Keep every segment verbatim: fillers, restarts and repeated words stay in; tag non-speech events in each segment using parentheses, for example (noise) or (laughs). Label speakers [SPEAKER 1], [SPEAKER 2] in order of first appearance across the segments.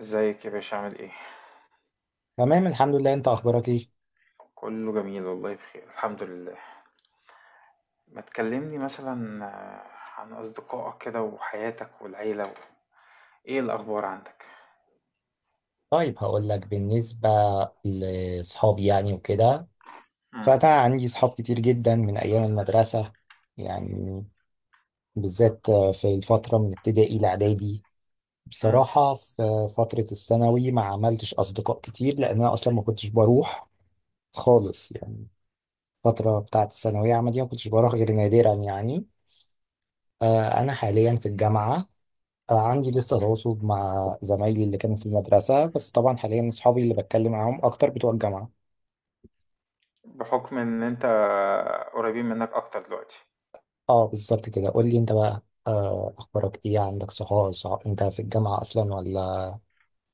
[SPEAKER 1] ازيك يا باشا عامل ايه؟
[SPEAKER 2] تمام الحمد لله، انت اخبارك ايه؟
[SPEAKER 1] كله جميل والله بخير الحمد لله. ما تكلمني مثلا آه، عن اصدقائك كده وحياتك والعيلة و... ايه الاخبار عندك؟
[SPEAKER 2] طيب هقول لك بالنسبه لاصحابي يعني وكده.
[SPEAKER 1] مم.
[SPEAKER 2] فانا عندي صحاب كتير جدا من ايام المدرسه يعني، بالذات في الفتره من ابتدائي لاعدادي.
[SPEAKER 1] مم.
[SPEAKER 2] بصراحه في فتره الثانوي ما عملتش اصدقاء كتير لان انا اصلا ما كنتش بروح خالص يعني. الفتره بتاعه الثانويه عامه دي ما كنتش بروح غير نادرا يعني. آه، انا حاليا في الجامعه. آه، عندي لسه تواصل مع زمايلي اللي كانوا في المدرسة، بس طبعا حاليا أصحابي اللي بتكلم معاهم أكتر بتوع الجامعة.
[SPEAKER 1] بحكم ان انت قريبين منك اكتر دلوقتي.
[SPEAKER 2] اه بالظبط كده، قول لي أنت بقى، آه، أخبارك إيه؟ عندك صحاب؟ صح- أنت في الجامعة أصلا ولا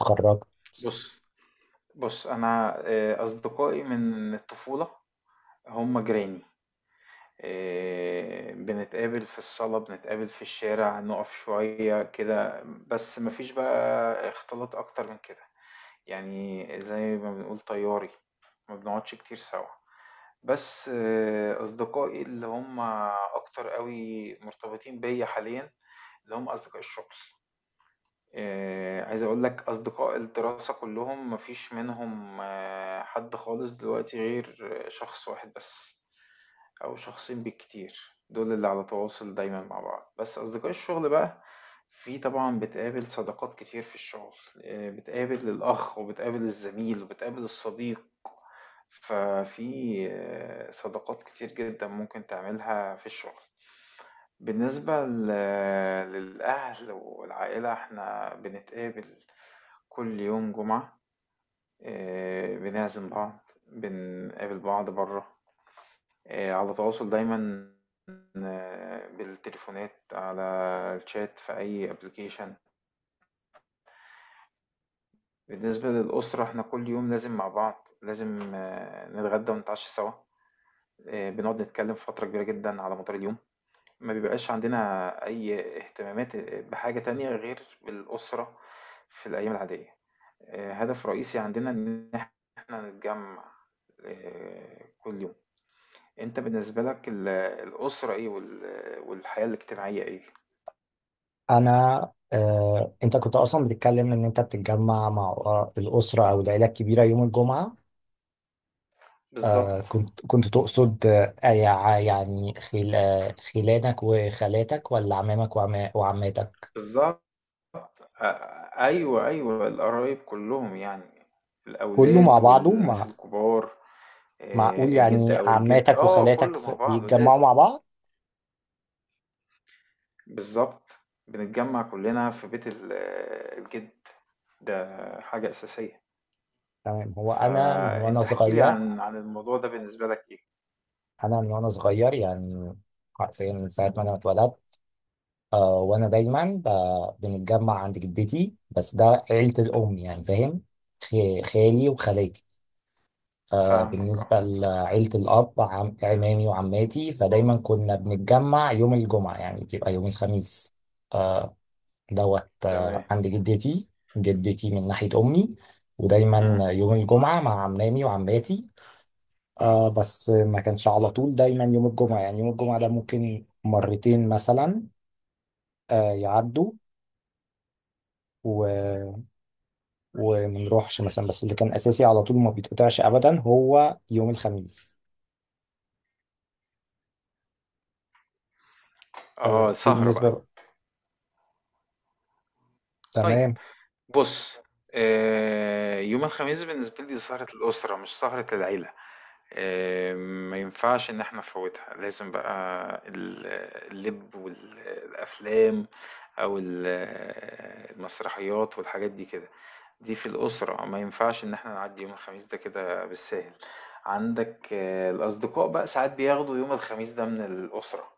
[SPEAKER 2] اتخرجت؟
[SPEAKER 1] بص، بص، انا آه، اصدقائي من الطفولة هم جيراني، آه، بنتقابل في الصالة، بنتقابل في الشارع، نقف شوية كده، بس مفيش بقى اختلاط اكتر من كده، يعني زي ما بنقول طياري، ما بنقعدش كتير سوا. بس آه، أصدقائي اللي هم أكتر قوي مرتبطين بيا حاليا، اللي هم أصدقاء الشغل. آآ عايز أقول لك أصدقاء الدراسة كلّهم ما فيش منهم آه، حد خالص دلوقتي غير آه، شخص واحد بس، أو شخصين بالكتير، دول اللي على تواصل دايمًا مع بعض. بس أصدقاء الشغل بقى، في طبعًا بتقابل صداقات كتير في الشغل، آآ بتقابل الأخ وبتقابل الزميل وبتقابل الصديق، ففي آه، صداقات كتير جدًا ممكن تعملها في الشغل. بالنسبة ل- للأهل والعائلة احنا بنتقابل كل يوم جمعة، آه، بنعزم بعض، بنقابل بعض بره، آه، على تواصل دايما، آه، بالتليفونات، على الشات، في أي ابلكيشن. بالنسبة للأسرة احنا كل يوم لازم مع بعض، لازم آه، نتغدى ونتعشى سوا، آه، بنقعد نتكلم فترة كبيرة جدا على مدار اليوم. ما بيبقاش عندنا أي اهتمامات بحاجة تانية غير الأسرة في الأيام العادية. آه، هدف رئيسي عندنا إن إحنا نتجمع آه، كل يوم. أنت بالنسبة لك ال- الأسرة إيه وال- والحياة الاجتماعية إيه؟
[SPEAKER 2] أنا، آه، أنت كنت أصلا بتتكلم إن أنت بتتجمع مع آه، الأسرة أو العيلة الكبيرة يوم الجمعة. آه،
[SPEAKER 1] بالظبط،
[SPEAKER 2] كنت كنت تقصد، آه، يع- يعني خل- آه، خلانك وخالاتك ولا عمامك وعما- وعماتك؟
[SPEAKER 1] بالظبط. آه، أيوه، أيوه، القرايب كلهم يعني،
[SPEAKER 2] كله مع
[SPEAKER 1] الأولاد
[SPEAKER 2] بعضه
[SPEAKER 1] والناس
[SPEAKER 2] مع...
[SPEAKER 1] الكبار،
[SPEAKER 2] معقول
[SPEAKER 1] آه، الجد
[SPEAKER 2] يعني
[SPEAKER 1] أو الجد
[SPEAKER 2] عماتك
[SPEAKER 1] آه
[SPEAKER 2] وخالاتك
[SPEAKER 1] كله مع
[SPEAKER 2] في-
[SPEAKER 1] بعضه
[SPEAKER 2] بيتجمعوا
[SPEAKER 1] لازم.
[SPEAKER 2] مع بعض؟
[SPEAKER 1] بالضبط، بنتجمّع كلّنا في بيت ال الجد، ده حاجة أساسية.
[SPEAKER 2] تمام. هو انا من وانا
[SPEAKER 1] فأنت احكِ لي
[SPEAKER 2] صغير،
[SPEAKER 1] عن عن الموضوع ده بالنسبة لك إيه؟
[SPEAKER 2] انا من وانا صغير يعني حرفيا من ساعه ما انا اتولدت. آه وانا دايما ب- بنتجمع عند جدتي، بس ده عيله الام يعني، فاهم؟ خ- خالي وخالاتي. آه
[SPEAKER 1] فاهمك. آه،
[SPEAKER 2] بالنسبه لعيله الاب، عم عمامي وعماتي، فدايما كنا بنتجمع يوم الجمعه، يعني بيبقى يوم الخميس، آه، دوت
[SPEAKER 1] تمام.
[SPEAKER 2] آه، عند جدتي، جدتي من ناحية أمي. ودايما
[SPEAKER 1] إمم.
[SPEAKER 2] آه، يوم الجمعة مع عمامي وعماتي. آه بس ما كانش على طول دايما يوم الجمعة، يعني يوم الجمعة ده ممكن مرتين مثلا آه يعدوا و... ومنروحش مثلا، بس اللي كان أساسي على طول ما بيتقطعش أبدا هو يوم الخميس.
[SPEAKER 1] آه،
[SPEAKER 2] آه
[SPEAKER 1] سهرة بقى.
[SPEAKER 2] بالنسبة،
[SPEAKER 1] طيب.
[SPEAKER 2] تمام.
[SPEAKER 1] بُص، آآ يوم الخميس بالنسبة لي سهرة الأسرة، مش سهرة العيلة، آآ ما ينفعش إن إحنا نفوّتها، لازم بقى ال اللِب والأفلام، أو ال المسرحيات والحاجات دي كده، دي في الأسرة ما ينفعش إن إحنا نعدّي يوم الخميس ده كده بالساهل. عندك آه، الأصدقاء بقى ساعات بياخدوا يوم الخميس ده من الأسرة،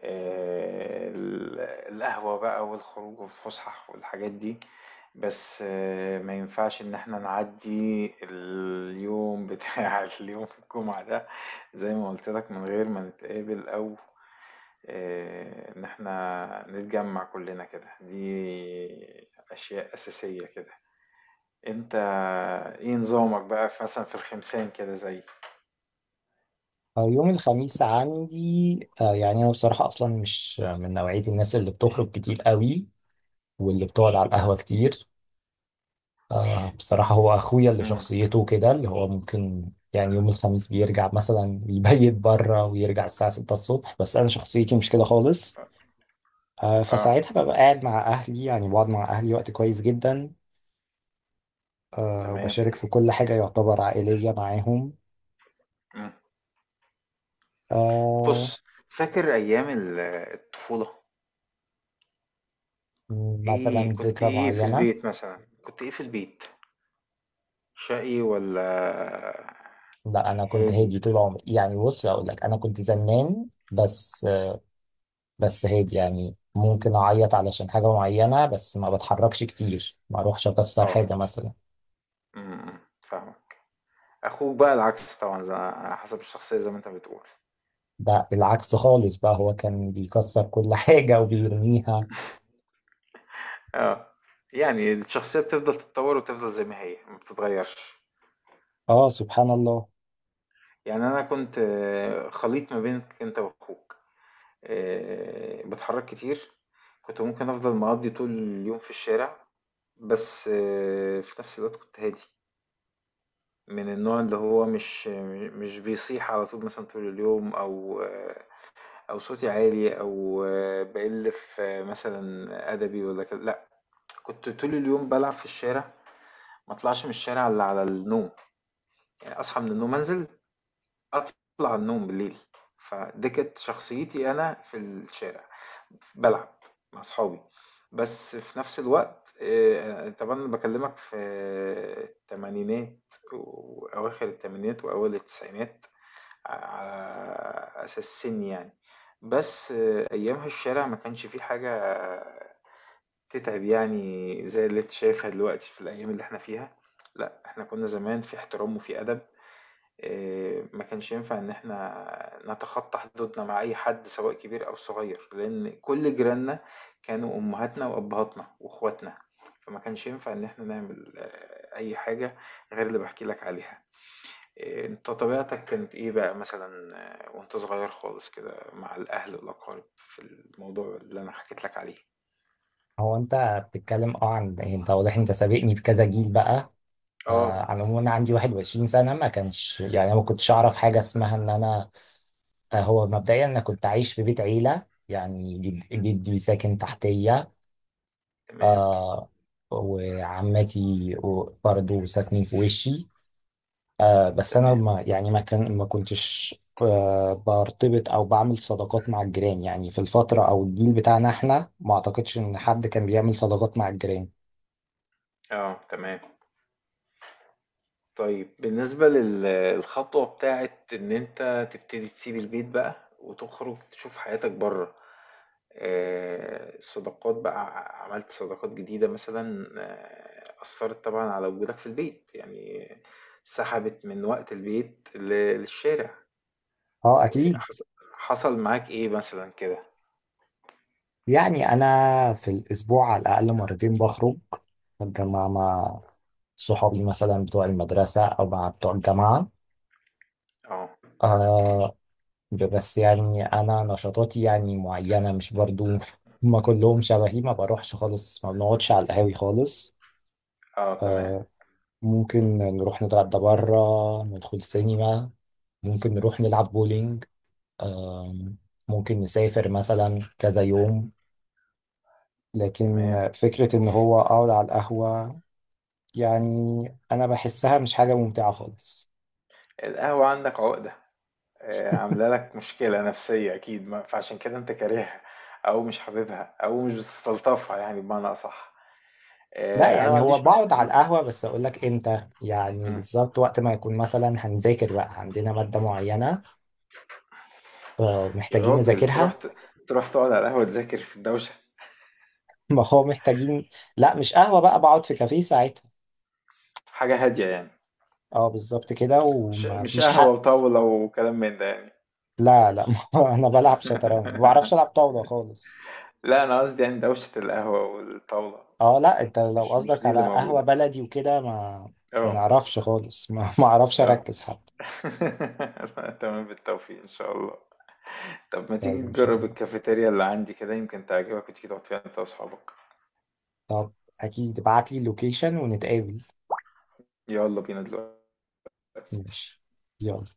[SPEAKER 1] آآ ال القهوة بقى والخروج والفُسح والحاجات دي، بس آه، ما ينفعش ان احنا نعدي اليوم بتاع (laughs) اليوم الجمعة ده زي ما قلت لك، من غير ما نتقابل، او آه، ان احنا نتجمع كلنا كده، دي اشياء اساسية كده. انت ايه نظامك بقى في- مثلا في الخمسين كده زي...
[SPEAKER 2] آه يوم الخميس عندي، آه يعني أنا بصراحة أصلا مش من نوعية الناس اللي بتخرج كتير قوي واللي بتقعد على القهوة كتير. آه بصراحة هو أخويا اللي
[SPEAKER 1] امم.
[SPEAKER 2] شخصيته كده، اللي هو ممكن يعني يوم الخميس بيرجع مثلا يبيت بره ويرجع الساعة ستة الصبح، بس أنا شخصيتي مش كده خالص. آه
[SPEAKER 1] اه
[SPEAKER 2] فساعتها ببقى قاعد مع أهلي، يعني بقعد مع أهلي وقت كويس جدا. آه
[SPEAKER 1] تمام.
[SPEAKER 2] وبشارك في كل حاجة يعتبر عائلية معاهم.
[SPEAKER 1] مم.
[SPEAKER 2] آه
[SPEAKER 1] بص، فاكر ايام ال- الطفولة،
[SPEAKER 2] مثلا
[SPEAKER 1] ايه كنت
[SPEAKER 2] ذكرى
[SPEAKER 1] ايه في
[SPEAKER 2] معينة؟
[SPEAKER 1] البيت مثلا كنت ايه في البيت، شقي والّا
[SPEAKER 2] لا أنا كنت
[SPEAKER 1] هادي؟
[SPEAKER 2] هادي طول عمري يعني، بص أقول لك أنا كنت زنان بس. بس هيك يعني، ممكن اعيط علشان حاجة معينة، بس ما بتحركش كتير، ما اروحش اكسر
[SPEAKER 1] آه،
[SPEAKER 2] حاجة مثلا.
[SPEAKER 1] إمم، إمم، فاهمك. أخوك بقى العكس طبعًا، ز على حسب الشخصية زي ما أنت بتقول.
[SPEAKER 2] ده العكس خالص بقى، هو كان بيكسر كل حاجة وبيرميها.
[SPEAKER 1] آه، يعني الشخصية بتفضل تتطوّر وتفضل زي ما هي، ما بتتغيّرش.
[SPEAKER 2] اه سبحان الله.
[SPEAKER 1] يعني أنا كنت آه، خليط ما بينك أنت وأخوك، آآ باتحرّك كتير، كنت ممكن أفضل مقضّي طول اليوم في الشارع، بس آه، في نفس الوقت كنت هادي، من النوع اللي هو مش م مش بيصيح على طول مثلًا طول اليوم، أو آه، أو صوتي عالي، أو آه، بقل في آه، مثلا أدبي ولا كده، لأ. كنت طول اليوم بلعب في الشارع، ما أطلعش من الشارع إلا على النوم، يعني أصحى من النوم أنزل، أطلع النوم بالليل، فدي كانت شخصيتي أنا في الشارع، بلعب مع أصحابي. بس في نفس الوقت آه، طبعا أنا بكلمك في التمانينات، وأواخر التمانينات وأول التسعينات، ع على أساس سن يعني. بس آه، أيامها الشارع ما كانش فيه حاجة تتعب، يعني زي اللي أنت شايفها دلوقتي في الأيام اللي إحنا فيها، لأ إحنا كنا زمان في احترام وفي أدب. آآ، ما كانش ينفع إن إحنا نتخطى حدودنا مع أي حد، سواء كبير أو صغير، لأن كل جيراننا كانوا أمهاتنا وأبهاتنا وأخواتنا، فما كانش ينفع إن إحنا نعمل آه، أي حاجة غير اللي باحكي لك عليها. إيه، انت طبيعتك كانت ايه بقى مثلا آه، وانت صغير خالص كده، مع الاهل والاقارب، في الموضوع اللي انا حكيت لك عليه؟
[SPEAKER 2] هو انت بتتكلم اه عن، انت واضح انت سابقني بكذا جيل بقى.
[SPEAKER 1] اه
[SPEAKER 2] فعلى العموم انا عندي واحد وعشرين سنة، ما كانش يعني أنا ما كنتش اعرف حاجة اسمها ان انا، آه، هو مبدئيا انا كنت عايش في بيت عيلة، يعني جد- جدي ساكن تحتية.
[SPEAKER 1] تمام.
[SPEAKER 2] آه وعمتي و- برضو ساكنين في وشي. آه بس انا
[SPEAKER 1] تمام.
[SPEAKER 2] ما يعني، ما كان ما كنتش آه برتبط او بعمل صداقات مع الجيران. يعني في الفترة او الجيل بتاعنا احنا ما اعتقدش ان حد كان بيعمل صداقات مع الجيران.
[SPEAKER 1] اه تمام. طيب، بالنسبة للخطوة بتاعت ان انت تبتدي تسيب البيت بقى وتخرج تشوف حياتك بره، آه، الصداقات بقى ع- عملت صداقات جديدة مثلا، آه، أثرت طبعا على وجودك في البيت، يعني سحبت من وقت البيت ل- للشارع،
[SPEAKER 2] اه اكيد.
[SPEAKER 1] حص- حصل معاك ايه مثلا كده؟
[SPEAKER 2] يعني انا في الاسبوع على الاقل مرتين بخرج، بتجمع مع صحابي مثلا بتوع المدرسة او مع بتوع الجامعة.
[SPEAKER 1] اه.
[SPEAKER 2] آه بس يعني انا نشاطاتي يعني معينه، مش برضو ما كلهم شبهي. ما بروحش خالص، ما بنقعدش على القهاوي خالص.
[SPEAKER 1] اه تمام.
[SPEAKER 2] ممكن نروح نتغدى بره، ندخل سينما، ممكن نروح نلعب بولينج، آم، ممكن نسافر مثلا كذا يوم. لكن
[SPEAKER 1] تمام.
[SPEAKER 2] فكرة إن هو أقعد على القهوة، يعني أنا بحسها مش حاجة ممتعة خالص.
[SPEAKER 1] القهوة عندك عقدة، آه، عاملة لك مشكلة نفسية اكيد، ما- فعشان كده انت كارهها، او مش حاببها، او مش بتستلطفها، يعني بمعنى اصح.
[SPEAKER 2] لا
[SPEAKER 1] آه، انا ما
[SPEAKER 2] يعني هو
[SPEAKER 1] عنديش م...
[SPEAKER 2] بقعد على
[SPEAKER 1] م...
[SPEAKER 2] القهوة، بس أقول لك إمتى يعني
[SPEAKER 1] م.
[SPEAKER 2] بالظبط، وقت ما يكون مثلا هنذاكر بقى عندنا مادة معينة آه،
[SPEAKER 1] يا
[SPEAKER 2] محتاجين
[SPEAKER 1] راجل، تروح
[SPEAKER 2] نذاكرها.
[SPEAKER 1] ت... تروح تقعد على القهوة تذاكر في الدوشة؟
[SPEAKER 2] (laughs) ما هو محتاجين. لا مش قهوة بقى، بقعد في كافيه ساعتها.
[SPEAKER 1] حاجة هادية يعني،
[SPEAKER 2] اه بالظبط كده،
[SPEAKER 1] مش
[SPEAKER 2] وما
[SPEAKER 1] مش
[SPEAKER 2] فيش
[SPEAKER 1] قهوة
[SPEAKER 2] حق.
[SPEAKER 1] وطاولة وكلام من ده يعني؟
[SPEAKER 2] لا لا (laughs) ما هو انا بلعب شطرنج، ما بعرفش العب
[SPEAKER 1] (laughs)
[SPEAKER 2] طاولة خالص.
[SPEAKER 1] لا انا قصدي يعني دوشة القهوة والطاولة،
[SPEAKER 2] اه لا انت لو
[SPEAKER 1] مش مش
[SPEAKER 2] قصدك
[SPEAKER 1] دي اللي
[SPEAKER 2] على قهوة
[SPEAKER 1] موجودة.
[SPEAKER 2] بلدي وكده، ما ما
[SPEAKER 1] اه.
[SPEAKER 2] نعرفش خالص (laughs) ما ما اعرفش
[SPEAKER 1] اه.
[SPEAKER 2] اركز حتى.
[SPEAKER 1] (laughs) تمام، بالتوفيق إن شاء الله. طب ما تيجي
[SPEAKER 2] طيب ان شاء
[SPEAKER 1] تجرب
[SPEAKER 2] الله.
[SPEAKER 1] الكافيتيريا اللي عندي كده، يمكن تعجبك وتيجي تقعد فيها أنت وأصحابك.
[SPEAKER 2] طب اكيد ابعت لي اللوكيشن ونتقابل.
[SPEAKER 1] يلا بينا دلوقتي.
[SPEAKER 2] ماشي، يلا.